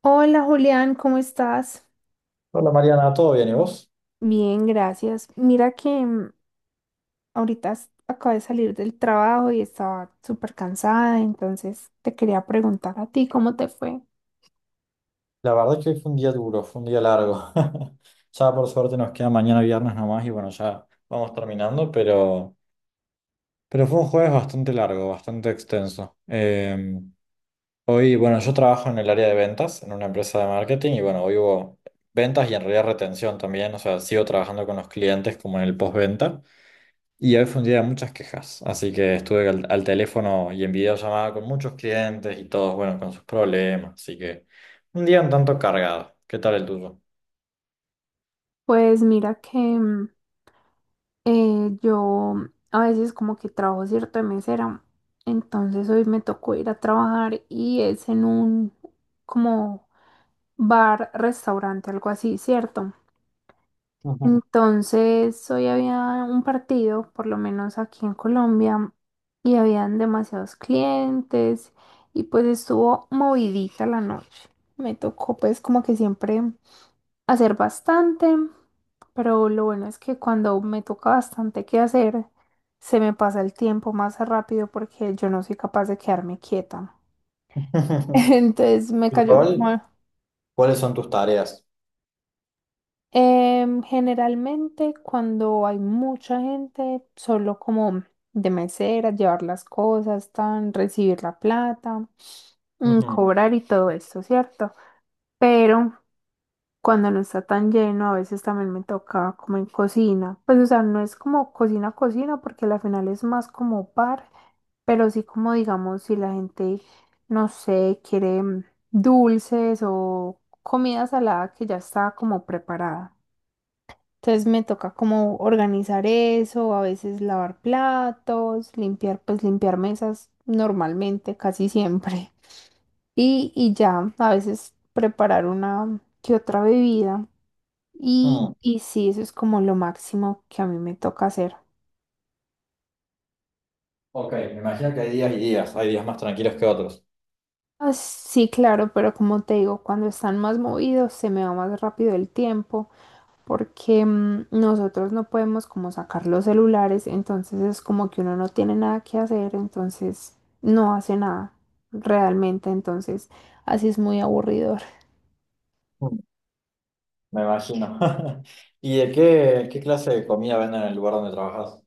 Hola Julián, ¿cómo estás? Hola Mariana, ¿todo bien y vos? Bien, gracias. Mira que ahorita acabo de salir del trabajo y estaba súper cansada, entonces te quería preguntar a ti cómo te fue. La verdad es que hoy fue un día duro, fue un día largo. Ya por suerte nos queda mañana viernes nomás y bueno, ya vamos terminando, pero, fue un jueves bastante largo, bastante extenso. Hoy, bueno, yo trabajo en el área de ventas, en una empresa de marketing y bueno, hoy hubo ventas y en realidad retención también, o sea, sigo trabajando con los clientes como en el postventa. Y hoy fue un día de muchas quejas, así que estuve al teléfono y en videollamada con muchos clientes y todos, bueno, con sus problemas, así que un día un tanto cargado. ¿Qué tal el tuyo? Pues mira que yo a veces como que trabajo cierto de mesera, entonces hoy me tocó ir a trabajar y es en un como bar, restaurante, algo así, ¿cierto? Ujú. Entonces, hoy había un partido, por lo menos aquí en Colombia, y habían demasiados clientes y pues estuvo movidita la noche. Me tocó pues como que siempre hacer bastante, pero lo bueno es que cuando me toca bastante que hacer, se me pasa el tiempo más rápido porque yo no soy capaz de quedarme quieta. Entonces me ¿Tu cayó rol? como, ¿Cuáles son tus tareas? Generalmente cuando hay mucha gente, solo como de mesera, llevar las cosas, tan, recibir la plata, Ujú. cobrar y todo esto, ¿cierto? Pero cuando no está tan lleno, a veces también me toca como en cocina. Pues o sea, no es como cocina, cocina, porque al final es más como bar, pero sí como digamos, si la gente, no sé, quiere dulces o comida salada que ya está como preparada. Entonces me toca como organizar eso, a veces lavar platos, limpiar, pues limpiar mesas normalmente, casi siempre. Y, y ya, a veces preparar una que otra bebida. Mm, Y sí, eso es como lo máximo que a mí me toca hacer. ok, me imagino que hay días y días, hay días más tranquilos que otros. Ah, sí, claro, pero como te digo, cuando están más movidos se me va más rápido el tiempo. Porque nosotros no podemos como sacar los celulares, entonces es como que uno no tiene nada que hacer, entonces no hace nada realmente, entonces así es muy aburridor. Mm, me imagino. ¿Y qué clase de comida venden en el lugar donde trabajas?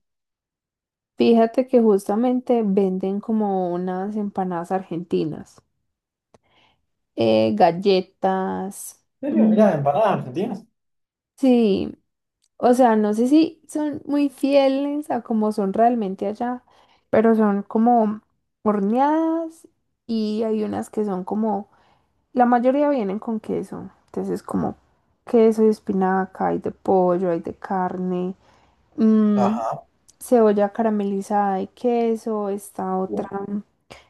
Fíjate que justamente venden como unas empanadas argentinas, galletas. ¿En serio? mm, ¿Mirá, empanadas argentinas? Sí, o sea, no sé si son muy fieles a como son realmente allá, pero son como horneadas y hay unas que son como... La mayoría vienen con queso, entonces es como queso y espinaca, hay de pollo, hay de carne, mm, Ajá. cebolla caramelizada y queso, esta otra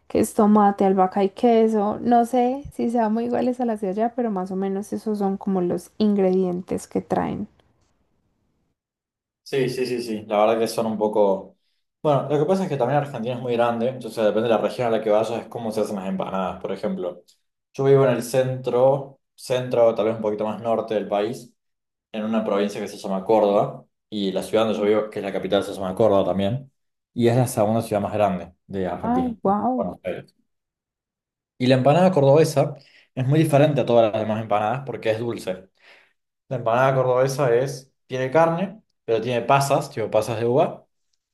que es tomate, albahaca y queso. No sé si sean muy iguales a las de allá, pero más o menos esos son como los ingredientes que traen. Sí, sí, sí, sí. La verdad que son un poco. Bueno, lo que pasa es que también Argentina es muy grande, entonces depende de la región a la que vayas, es cómo se hacen las empanadas, por ejemplo. Yo vivo en el centro, centro, tal vez un poquito más norte del país, en una provincia que se llama Córdoba, y la ciudad donde yo vivo, que es la capital, se llama Córdoba también, y es la segunda ciudad más grande de Ay, Argentina, ¿no? wow. Buenos Aires. Y la empanada cordobesa es muy diferente a todas las demás empanadas porque es dulce. La empanada cordobesa es, tiene carne, pero tiene pasas, tipo pasas de uva,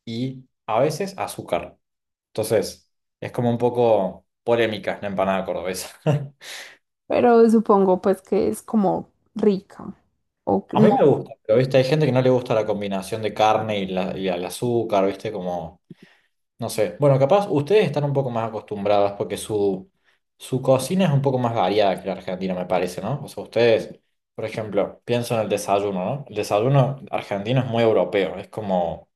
y a veces azúcar. Entonces, es como un poco polémica la empanada cordobesa. Pero supongo pues que es como rica. O A mí me no, gusta, pero viste, hay gente que no le gusta la combinación de carne y, y el azúcar, viste, como... No sé. Bueno, capaz ustedes están un poco más acostumbradas porque su cocina es un poco más variada que la Argentina, me parece, ¿no? O sea, ustedes, por ejemplo, pienso en el desayuno, ¿no? El desayuno argentino es muy europeo, es como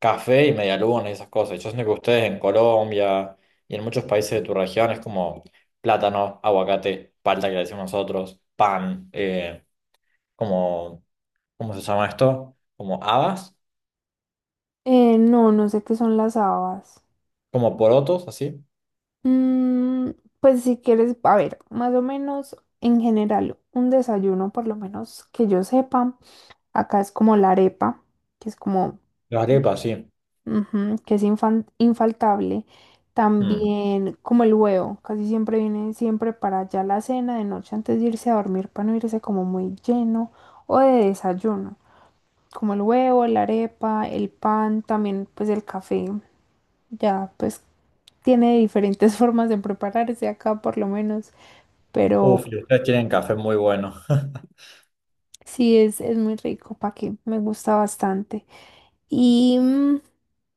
café y medialunas y esas cosas. Yo siento que ustedes en Colombia y en muchos países de tu región es como plátano, aguacate, palta que le decimos nosotros, pan, como, ¿cómo se llama esto? Como habas, no, no sé qué son las habas. como porotos, así. Mm, pues si quieres, a ver, más o menos en general, un desayuno, por lo menos que yo sepa, acá es como la arepa, que es como, Las arepas, sí. ujú, que es infaltable. Mm. También como el huevo, casi siempre viene siempre para ya la cena de noche antes de irse a dormir, para no irse como muy lleno, o de desayuno, como el huevo, la arepa, el pan, también pues el café, ya pues tiene diferentes formas de prepararse acá por lo menos, pero Uf, y ustedes tienen café muy bueno. sí es muy rico, pa' qué, me gusta bastante. Y,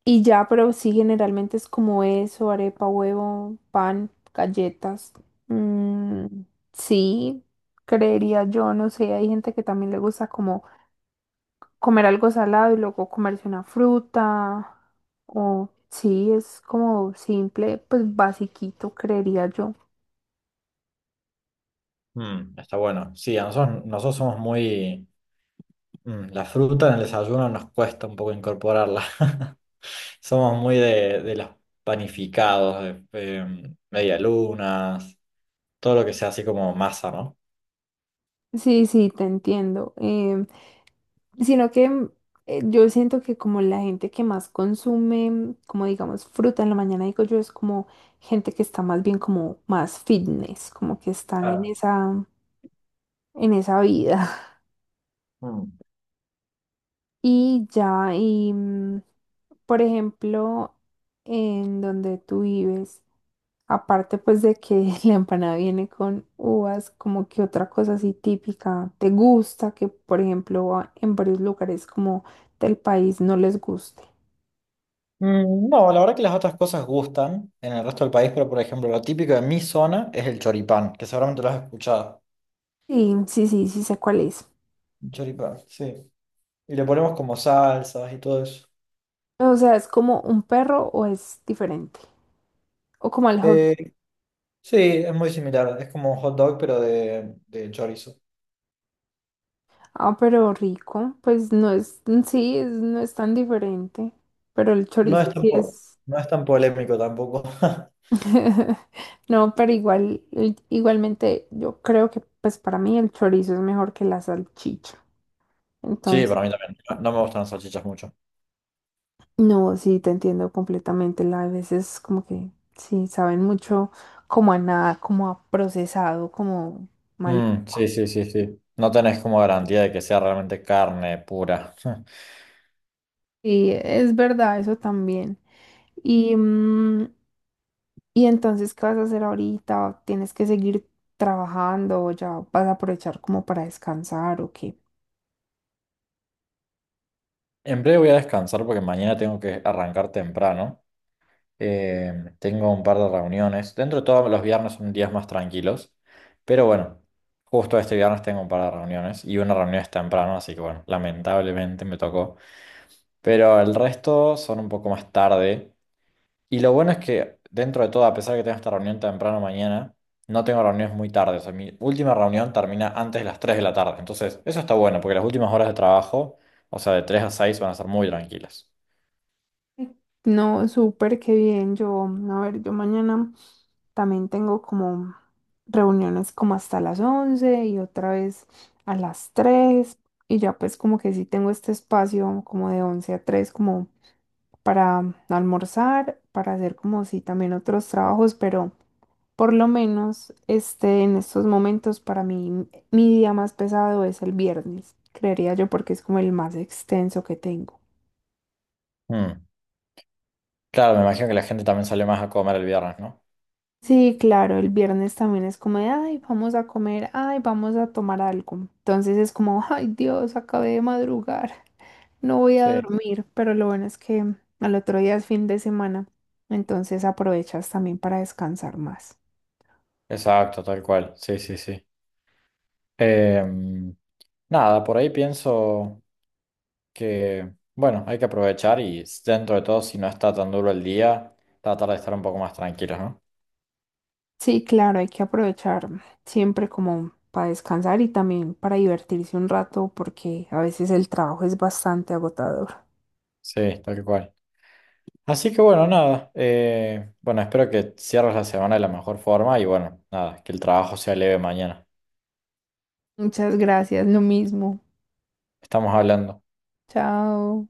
y ya, pero sí, generalmente es como eso, arepa, huevo, pan, galletas. Mm, sí, creería yo, no sé, hay gente que también le gusta como comer algo salado y luego comerse una fruta, o sí, es como simple, pues basiquito, creería yo. Mm, está bueno. Sí, a nosotros, nosotros somos muy... mm, la fruta en el desayuno nos cuesta un poco incorporarla. Somos muy de, los panificados, de, medialunas, todo lo que sea así como masa, ¿no? Sí, sí, te entiendo. Sino que yo siento que como la gente que más consume, como digamos, fruta en la mañana, digo yo, es como gente que está más bien como más fitness, como que están Claro. En esa vida. Mm. Y ya, y por ejemplo, en donde tú vives, aparte pues de que la empanada viene con uvas, como que otra cosa así típica, ¿te gusta que, por ejemplo, en varios lugares como del país no les guste? Mm, no, la verdad que las otras cosas gustan en el resto del país, pero por ejemplo, lo típico de mi zona es el choripán, que seguramente lo has escuchado. Sí, sí, sí, sí sé cuál es. Choripán, sí. Y le ponemos como salsas y todo eso. O sea, ¿es como un perro o es diferente? O como el hot. Eh, Sí, es muy similar. Es como un hot dog, pero de, chorizo. Ah, pero rico. Pues no es, sí, no es tan diferente. Pero el No es chorizo tan, sí po- es. no es tan polémico tampoco. No, pero igual, igualmente yo creo que pues para mí el chorizo es mejor que la salchicha. Sí, Entonces, para mí también. No, no me gustan las salchichas mucho. no, sí, te entiendo completamente. La, a veces como que sí, saben mucho como a nada, como a procesado, como Mm, sí, maluco. sí, sí, sí. No tenés como garantía de que sea realmente carne pura. Sí, es verdad, eso también. Y, y entonces, ¿qué vas a hacer ahorita? ¿Tienes que seguir trabajando o ya vas a aprovechar como para descansar o qué? En breve voy a descansar porque mañana tengo que arrancar temprano. Eh, tengo un par de reuniones. Dentro de todo, los viernes son días más tranquilos. Pero bueno, justo este viernes tengo un par de reuniones y una reunión es temprano, así que bueno, lamentablemente me tocó. Pero el resto son un poco más tarde. Y lo bueno es que dentro de todo, a pesar de que tengo esta reunión temprano mañana, no tengo reuniones muy tarde. O sea, mi última reunión termina antes de las 3 de la tarde. Entonces, eso está bueno, porque las últimas horas de trabajo, o sea, de 3 a 6 van a ser muy tranquilas. Sí. No, súper, qué bien. Yo, a ver, yo mañana también tengo como reuniones como hasta las 11 y otra vez a las 3 y ya pues como que sí tengo este espacio como de 11 a 3 como para almorzar, para hacer como sí también otros trabajos, pero... Por lo menos, este, en estos momentos para mí, mi día más pesado es el viernes, creería yo, porque es como el más extenso que tengo. Mm. Claro, me imagino que la gente también salió más a comer el viernes, ¿no? Sí, claro, el viernes también es como de, ay, vamos a comer, ay, vamos a tomar algo. Entonces es como, ay, Dios, acabé de madrugar, no voy a Sí, dormir, pero lo bueno es que al otro día es fin de semana, entonces aprovechas también para descansar más. exacto, tal cual. Sí, sí, sí. Em, nada, por ahí pienso. Que, bueno, hay que aprovechar y dentro de todo, si no está tan duro el día, tratar de estar un poco más tranquilos, ¿no? Sí, claro, hay que aprovechar siempre como para descansar y también para divertirse un rato porque a veces el trabajo es bastante agotador. Sí, tal que cual. Así que bueno, nada, bueno, espero que cierres la semana de la mejor forma y bueno, nada, que el trabajo sea leve mañana. Muchas gracias, lo mismo. Estamos hablando. Chao.